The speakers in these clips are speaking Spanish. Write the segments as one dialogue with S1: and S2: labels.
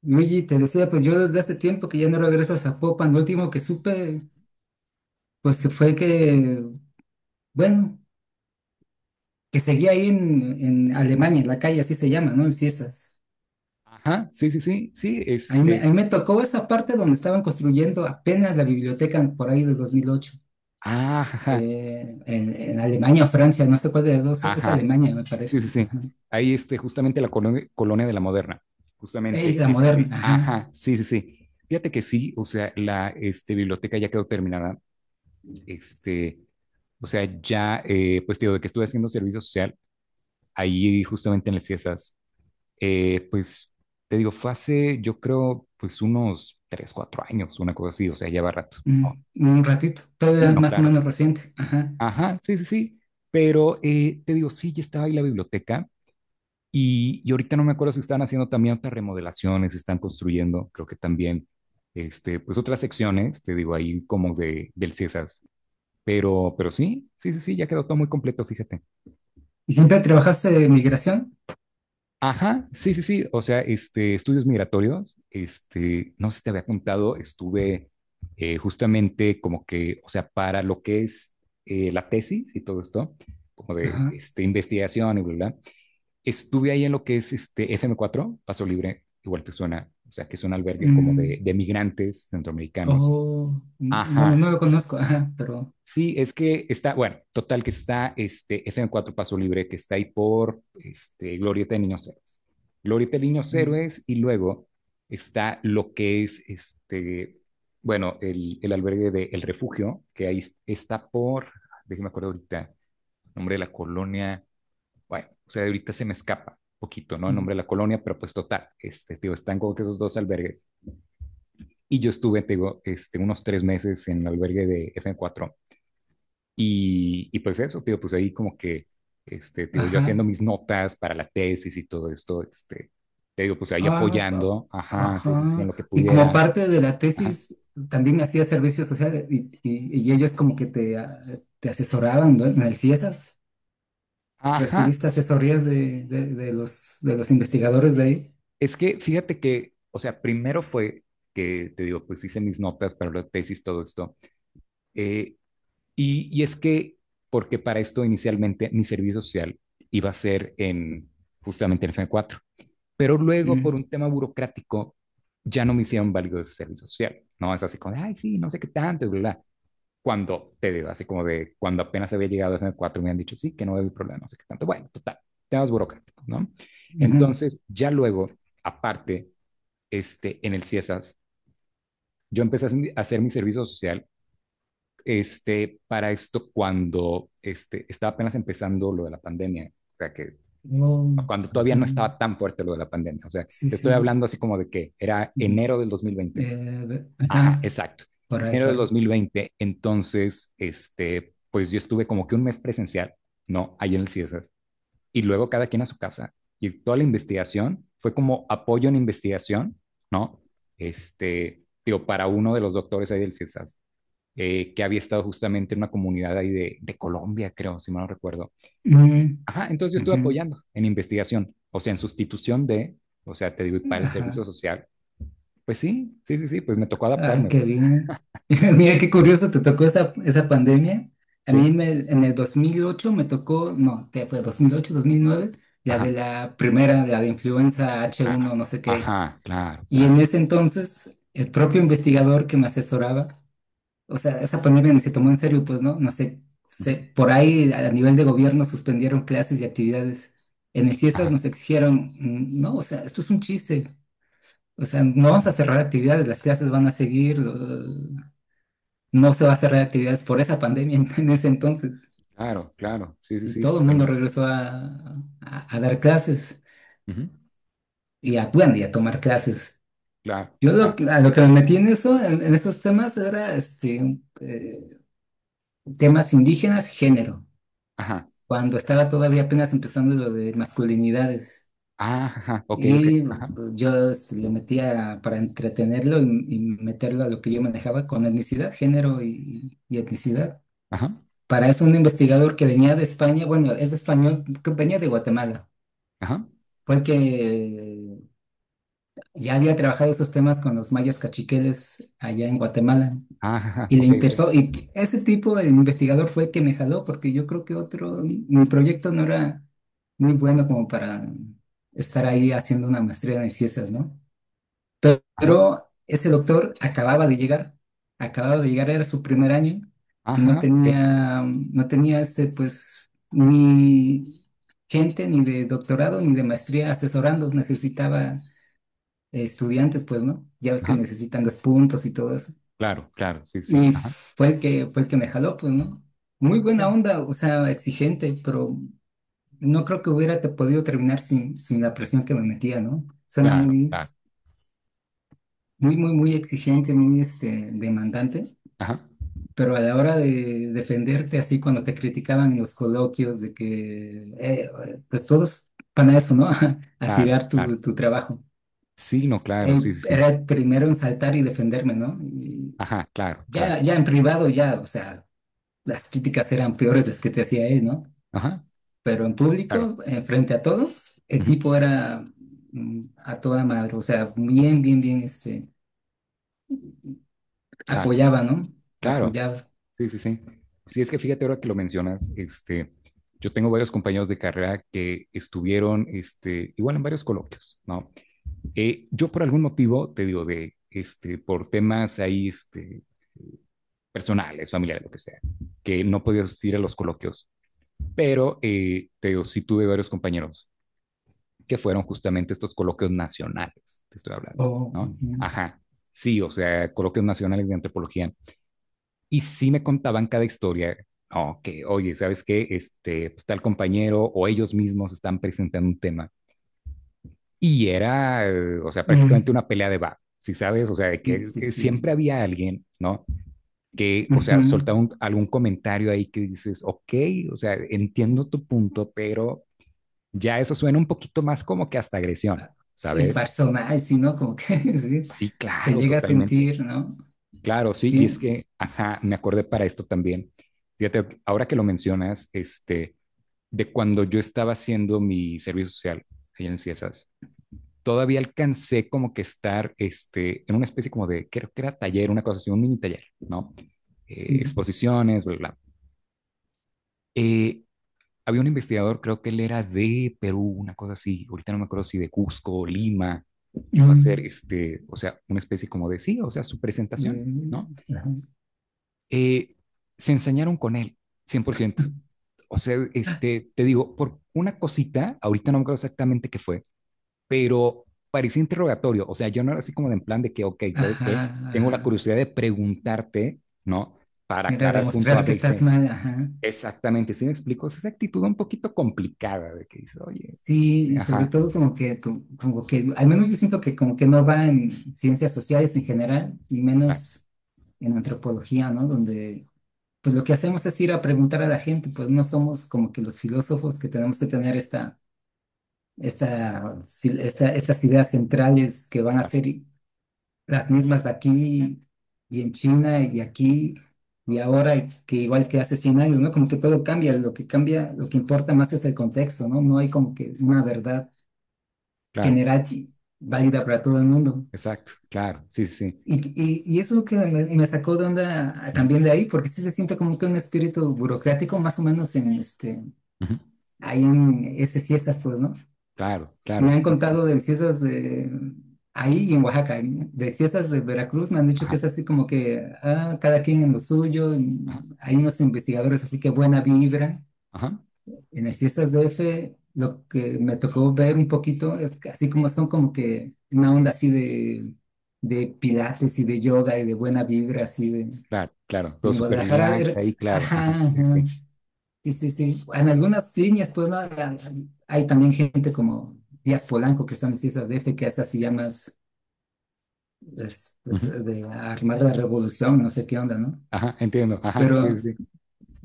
S1: No, oye, te decía, pues yo desde hace tiempo que ya no regreso a Zapopan. Lo último que supe, pues que fue que, bueno, que seguía ahí en Alemania, la calle así se llama, ¿no? En Ciesas.
S2: Ajá, sí, sí, sí, sí,
S1: A mí, me- a mí me tocó esa parte donde estaban construyendo apenas la biblioteca por ahí de 2008,
S2: ajá,
S1: en Alemania o Francia, no sé cuál de las dos, es
S2: ajá,
S1: Alemania, me
S2: sí,
S1: parece.
S2: sí,
S1: ¿No?
S2: sí.
S1: Ajá.
S2: Ahí, justamente la colonia de la Moderna,
S1: Ey, la
S2: justamente,
S1: moderna, ajá.
S2: ajá, sí, sí, sí. Fíjate que sí, o sea, la biblioteca ya quedó terminada. Este, O sea, ya, pues te digo, de que estuve haciendo servicio social, ahí justamente en el CIESAS, pues te digo, fue hace, yo creo, pues unos 3, 4 años, una cosa así, o sea, lleva rato. No,
S1: Mm, un ratito,
S2: sí,
S1: todavía
S2: no,
S1: más o
S2: claro.
S1: menos reciente, ajá.
S2: Ajá, sí, sí, sí. Pero te digo, sí, ya estaba ahí la biblioteca y ahorita no me acuerdo si están haciendo también otras remodelaciones, si están construyendo, creo que también, pues otras secciones, te digo, ahí como de, del CIESAS. Pero sí, sí, sí, sí, ya quedó todo muy completo, fíjate.
S1: ¿Y siempre trabajaste de migración?
S2: Ajá, sí, sí, sí. O sea, estudios migratorios, no sé si te había contado, estuve justamente como que, o sea, para lo que es la tesis y todo esto, como de
S1: Ajá.
S2: investigación y bla, bla, bla, estuve ahí en lo que es este FM4, Paso Libre, igual te suena, o sea, que es un albergue como
S1: Mm.
S2: de migrantes centroamericanos.
S1: Oh, bueno,
S2: Ajá,
S1: no lo conozco, ajá, pero,
S2: sí, es que está, bueno, total que está este F fm cuatro Paso Libre, que está ahí por Glorieta de Niños Héroes. Glorieta de Niños
S1: mm,
S2: Héroes y luego está lo que es bueno, el albergue de El Refugio, que ahí está por, déjeme acuerdo ahorita, nombre de la colonia, bueno, o sea, ahorita se me escapa poquito, ¿no? El
S1: mm,
S2: nombre de la colonia, pero pues total, tío, están como que esos dos albergues. Y yo estuve, te digo, unos 3 meses en el albergue de F fm cuatro y pues eso, tío, pues ahí como que, te digo, yo
S1: ajá,
S2: haciendo mis notas para la tesis y todo esto, te digo, pues ahí
S1: ah, pa-
S2: apoyando, ajá, sí, sí, sí, en
S1: ajá,
S2: lo que
S1: y como
S2: pudiera,
S1: parte de la
S2: ajá.
S1: tesis también hacía servicio social y, y ellos como que te, ah, te asesoraban, ¿no? En el CIESAS,
S2: Ajá,
S1: recibiste asesorías de los, de los investigadores de ahí.
S2: es que fíjate que, o sea, primero fue que, te digo, pues hice mis notas para la tesis, todo esto, eh, y es que, porque para esto inicialmente mi servicio social iba a ser en, justamente en FM4. Pero luego,
S1: Mm,
S2: por un tema burocrático, ya no me hicieron válido ese servicio social. No es así como, de, ay, sí, no sé qué tanto, bla, bla. Cuando te digo, así como de cuando apenas había llegado a FM4, me han dicho, sí, que no hay problema, no sé qué tanto. Bueno, total, temas burocráticos, ¿no?
S1: ujú.
S2: Entonces, ya luego, aparte, en el CIESAS, yo empecé a hacer mi servicio social, para esto cuando estaba apenas empezando lo de la pandemia. O sea, que
S1: Oh,
S2: cuando todavía
S1: ujú.
S2: no estaba tan fuerte lo de la pandemia. O sea,
S1: Sí,
S2: te estoy
S1: sí.
S2: hablando así como de que era
S1: Ujú.
S2: enero del 2020. Ajá,
S1: Ajá,
S2: exacto.
S1: por ahí,
S2: Enero
S1: por
S2: del
S1: ahí.
S2: 2020. Entonces, pues yo estuve como que un mes presencial, ¿no? Ahí en el CIESAS. Y luego cada quien a su casa. Y toda la investigación fue como apoyo en investigación, ¿no? Digo, para uno de los doctores ahí del CIESAS, que había estado justamente en una comunidad ahí de Colombia, creo, si mal no recuerdo.
S1: Ujú,
S2: Ajá, entonces yo estuve
S1: ujú,
S2: apoyando en investigación, o sea, en sustitución de, o sea, te digo, y para el servicio
S1: ajá.
S2: social. Pues sí, sí, sí, sí, pues me tocó
S1: Ah,
S2: adaptarme,
S1: qué
S2: pues.
S1: bien. Mira, qué curioso, te tocó esa, esa pandemia.
S2: Sí,
S1: En el 2008 me tocó, no, ¿qué fue? ¿2008, 2009, la
S2: ajá,
S1: de la primera, la de influenza h
S2: claro,
S1: uno, no sé qué.
S2: ajá, claro,
S1: Y
S2: claro.
S1: en ese entonces, el propio investigador que me asesoraba, o sea, esa pandemia ni se tomó en serio, pues, ¿no? No sé,
S2: Ujú,
S1: por ahí a nivel de gobierno suspendieron clases y actividades. En el CIESAS
S2: ajá,
S1: nos exigieron, no, o sea, esto es un chiste. O sea, no vamos a
S2: ujú,
S1: cerrar actividades, las clases van a seguir, no se va a cerrar actividades por esa pandemia en ese entonces.
S2: claro, claro, sí, sí,
S1: Y
S2: sí,
S1: todo el mundo
S2: totalmente.
S1: regresó a, a dar clases
S2: Ujú,
S1: y a, bueno, y a tomar clases.
S2: claro, claro,
S1: A lo que me metí en eso, en esos temas, era este, temas indígenas, género,
S2: ajá,
S1: cuando estaba todavía apenas empezando lo de masculinidades.
S2: ah, ajá, ok, ok,
S1: Y
S2: ajá,
S1: pues, yo este, le metía para entretenerlo y meterlo a lo que yo manejaba con etnicidad, género y etnicidad.
S2: ajá,
S1: Para eso un investigador que venía de España, bueno, es de español, que venía de Guatemala,
S2: ajá,
S1: fue el que ya había trabajado esos temas con los mayas cachiqueles allá en Guatemala
S2: ah, ajá,
S1: y le
S2: ok, ok,
S1: interesó. Y ese tipo, el investigador, fue el que me jaló porque yo creo que otro, mi proyecto no era muy bueno como para estar ahí haciendo una maestría en ciencias, ¿no?
S2: ajá,
S1: Pero ese doctor acababa de llegar, era su primer año y no
S2: ajá, ok,
S1: tenía, no tenía este, pues, ni gente ni de doctorado ni de maestría asesorando, necesitaba estudiantes, pues, ¿no? Ya ves que
S2: ajá,
S1: necesitan los puntos y todo eso.
S2: claro, claro, sí, sí,
S1: Y
S2: ajá,
S1: fue el que me jaló, pues, ¿no? Muy
S2: ah,
S1: buena
S2: mira,
S1: onda, o sea, exigente, pero no creo que hubiera podido terminar sin la presión que me metía, ¿no? Suena
S2: claro,
S1: muy,
S2: claro,
S1: muy, muy, muy exigente, muy este, demandante,
S2: ajá,
S1: pero a la hora de defenderte así cuando te criticaban en los coloquios de que, pues todos para eso, ¿no? A
S2: claro,
S1: tirar
S2: claro,
S1: tu, tu trabajo.
S2: sí, no, claro,
S1: Él
S2: sí, sí, sí.
S1: era el primero en saltar y defenderme, ¿no? Y
S2: Ajá, claro, claro.
S1: ya, ya en privado, ya, o sea, las críticas eran peores las que te hacía él, ¿no?
S2: Ajá,
S1: Pero en
S2: claro.
S1: público, frente a todos, el
S2: Ujú,
S1: tipo era a toda madre, o sea, bien,
S2: súper,
S1: bien, bien, este,
S2: claro,
S1: apoyaba, ¿no?
S2: claro.
S1: Apoyaba.
S2: Sí, sí, sí. Sí, es que fíjate ahora que lo mencionas, yo tengo varios compañeros de carrera que estuvieron, igual en varios coloquios, ¿no? Yo por algún motivo, te digo, de, por temas ahí, personales, familiares, lo que sea, que no podía asistir a los coloquios, pero, te digo, sí tuve varios compañeros que fueron justamente estos coloquios nacionales, te estoy hablando,
S1: Oh,
S2: ¿no?
S1: ujú.
S2: Ajá, sí, o sea, coloquios nacionales de antropología. Y sí me contaban cada historia, no, que, oye, ¿sabes qué? Pues, tal compañero o ellos mismos están presentando un tema. Y era, o sea, prácticamente
S1: Mm,
S2: una pelea de bar, si sabes, o sea, de
S1: sí,
S2: que
S1: sí,
S2: siempre
S1: sí.
S2: había alguien, ¿no? Que, o
S1: Ujú.
S2: sea, soltaba algún comentario ahí que dices, ok, o sea, entiendo tu punto, pero ya eso suena un poquito más como que hasta agresión,
S1: El
S2: ¿sabes?
S1: personaje, sí, ¿no? Como que sí,
S2: Sí,
S1: se
S2: claro,
S1: llega a
S2: totalmente.
S1: sentir, ¿no?
S2: Claro, sí, y es
S1: Tiene...
S2: que, ajá, me acordé para esto también. Fíjate, ahora que lo mencionas, de cuando yo estaba haciendo mi servicio social ahí en CIESAS, todavía alcancé como que estar, en una especie como de, creo que era taller, una cosa así, un mini taller, ¿no?
S1: Mm,
S2: Exposiciones, bla, bla. Eh, había un investigador, creo que él era de Perú, una cosa así, ahorita no me acuerdo si de Cusco, o Lima, que fue a
S1: mm,
S2: hacer, o sea, una especie como de, sí, o sea, su
S1: eh,
S2: presentación, ¿no? eh, se ensañaron con él, 100%. O sea, te digo, por una cosita, ahorita no me acuerdo exactamente qué fue, pero parecía interrogatorio. O sea, yo no era así como de en plan de que, ok, ¿sabes
S1: ajá,
S2: qué?
S1: ajá,
S2: Tengo la
S1: ajá.
S2: curiosidad de preguntarte, ¿no? Para
S1: Sí, era
S2: aclarar punto
S1: demostrar
S2: A,
S1: que
S2: B y
S1: estás
S2: C.
S1: mal, ajá.
S2: Exactamente, ¿sí me explico? Es esa actitud un poquito complicada de que dice, oye,
S1: Sí, y sobre
S2: ajá,
S1: todo como que, como, como que, al menos yo siento que como que no va en ciencias sociales en general, y
S2: claro,
S1: menos en antropología, ¿no? Donde pues lo que hacemos es ir a preguntar a la gente, pues no somos como que los filósofos que tenemos que tener esta, esta, estas ideas centrales que van a
S2: claro,
S1: ser las mismas aquí y en China y aquí y ahora y que igual que hace 100 años, ¿no? Como que todo cambia, lo que importa más es el contexto, ¿no? No hay como que una verdad
S2: claro,
S1: general y válida para todo el mundo.
S2: exacto, claro, sí, sí, sí,
S1: Y eso es lo que me sacó de onda ah,
S2: ujú,
S1: también de ahí, porque sí se siente como que un espíritu burocrático, más o menos en este,
S2: ujú,
S1: ahí en esas siestas, pues, ¿no?
S2: claro,
S1: Me
S2: claro,
S1: han
S2: sí, sí, sí,
S1: contado de siestas de ahí y en Oaxaca, ¿eh? De siestas de Veracruz, me han dicho
S2: ajá,
S1: que es así como que ah, cada quien en lo suyo, y
S2: ajá,
S1: hay unos investigadores, así que buena vibra.
S2: ajá,
S1: En el siestas de F, lo que me tocó ver un poquito, es que así como son como que una onda así de pilates y de yoga y de buena vibra, así de...
S2: claro, claro,
S1: Y
S2: todo
S1: en
S2: súper
S1: Guadalajara,
S2: relax ahí, claro,
S1: ajá,
S2: ajá, sí,
S1: ajá.
S2: sí.
S1: Sí, sí, sí. En algunas líneas, pues, ¿no? También gente como Díaz Polanco, que están en las Islas D F que hace así llamas pues, pues,
S2: Ujú,
S1: de armar la revolución, no sé qué onda, ¿no?
S2: ajá, entiendo, ajá, sí,
S1: Pero,
S2: sí, sí,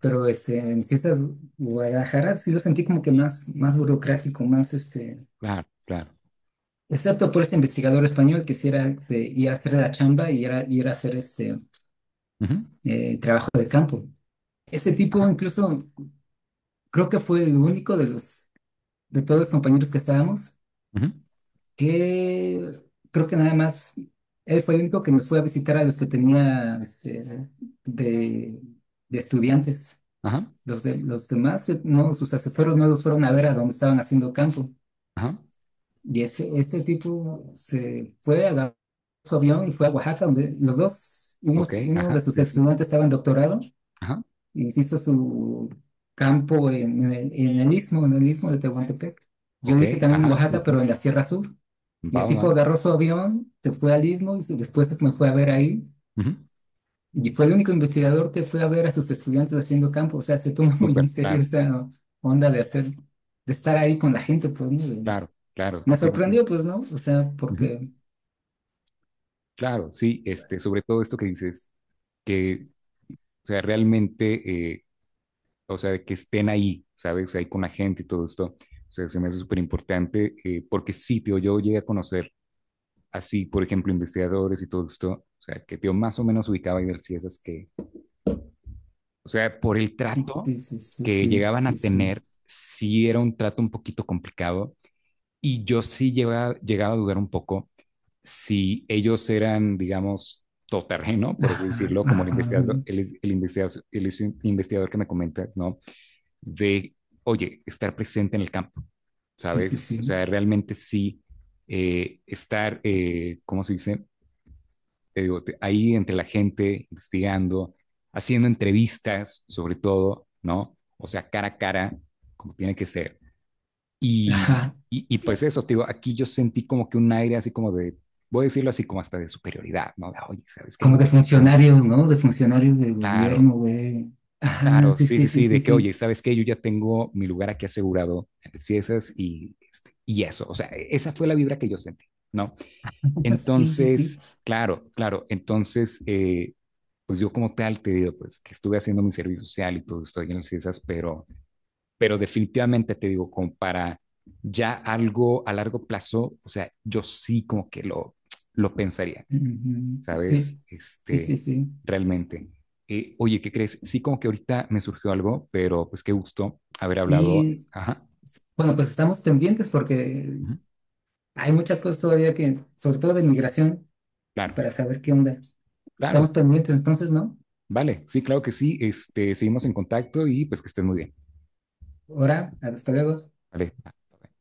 S1: en Cisas Guadalajara sí lo sentí como que más, más burocrático, más este,
S2: claro, claro.
S1: excepto por este investigador español que sí era de ir a hacer la chamba y era ir a hacer este
S2: Ujú,
S1: trabajo de campo. Ese tipo
S2: ajá,
S1: incluso creo que fue el único de los de todos los compañeros que estábamos
S2: ujú,
S1: que creo que nada más él fue el único que nos fue a visitar a los que tenía este, de, de estudiantes.
S2: ajá,
S1: Los, de, los demás, que no, sus asesores no los fueron a ver a donde estaban haciendo campo.
S2: ajá,
S1: Y ese, este tipo se fue, agarró su avión y fue a Oaxaca, donde los dos,
S2: ok,
S1: unos, uno
S2: ajá,
S1: de sus
S2: sí, sí,
S1: estudiantes estaba en doctorado,
S2: ajá,
S1: hizo su campo en el, en el istmo de Tehuantepec. Yo
S2: ok,
S1: lo hice también en
S2: ajá, sí,
S1: Oaxaca,
S2: sí,
S1: pero en la Sierra Sur. Y
S2: va,
S1: el
S2: va,
S1: tipo agarró su avión, se fue al istmo y después me fue a ver ahí.
S2: ujú,
S1: Y fue el único investigador que fue a ver a sus estudiantes haciendo campo. O sea, se toma muy en
S2: súper,
S1: serio
S2: claro,
S1: esa onda de hacer, de estar ahí con la gente, pues, ¿no? De-
S2: claro, claro,
S1: me
S2: sí, sí, sí,
S1: sorprendió, pues, ¿no? O sea,
S2: ujú,
S1: porque...
S2: claro, sí, sobre todo esto que dices, que, o sea, realmente, o sea, que estén ahí, ¿sabes? Ahí con la gente y todo esto, o sea, se me hace súper importante, porque sí, tío, yo llegué a conocer así, por ejemplo, investigadores y todo esto, o sea, que yo más o menos ubicaba y ver si esas que, o sea, por el
S1: Sí,
S2: trato
S1: sí, sí, sí,
S2: que
S1: sí,
S2: llegaban a
S1: sí,
S2: tener,
S1: sí.
S2: sí era un trato un poquito complicado y yo sí llegaba a dudar un poco si ellos eran, digamos, todoterreno, por así
S1: Ajá,
S2: decirlo, como el
S1: ajá.
S2: investigador, el investigador, el investigador que me comentas, ¿no? De, oye, estar presente en el campo,
S1: Sí, sí,
S2: ¿sabes? O sea,
S1: sí.
S2: realmente sí estar, ¿cómo se dice? Te digo, ahí entre la gente, investigando, haciendo entrevistas, sobre todo, ¿no? O sea, cara a cara, como tiene que ser. Y,
S1: Ajá,
S2: y pues eso, te digo, aquí yo sentí como que un aire así como de, voy a decirlo así como hasta de superioridad, ¿no? De, oye, ¿sabes
S1: como
S2: qué?
S1: de
S2: Ah,
S1: funcionarios, ¿no? De funcionarios del
S2: claro,
S1: gobierno, güey. Ajá,
S2: claro,
S1: sí,
S2: sí,
S1: sí,
S2: sí,
S1: sí,
S2: sí,
S1: sí,
S2: de que,
S1: sí.
S2: oye, ¿sabes qué? Yo ya tengo mi lugar aquí asegurado en el CIESAS y, y eso, o sea, esa fue la vibra que yo sentí, ¿no?
S1: Sí, sí, sí.
S2: Entonces, claro, claro, entonces, pues yo como tal te digo, pues que estuve haciendo mi servicio social y todo estoy en las ciencias, pero definitivamente te digo, como para ya algo a largo plazo, o sea, yo sí como que lo pensaría,
S1: Ujú. Sí,
S2: ¿sabes?
S1: sí, sí, sí.
S2: Realmente. Oye, ¿qué crees? Sí, como que ahorita me surgió algo, pero pues qué gusto haber hablado.
S1: Y
S2: Ajá,
S1: bueno, pues estamos pendientes porque
S2: ujú,
S1: hay muchas cosas todavía que, sobre todo de migración,
S2: claro,
S1: para saber qué onda.
S2: claro,
S1: Estamos pendientes, entonces, ¿no?
S2: vale, sí, claro que sí. Seguimos en contacto y pues que estés muy bien.
S1: Ahora, hasta luego.
S2: Vale. Vale.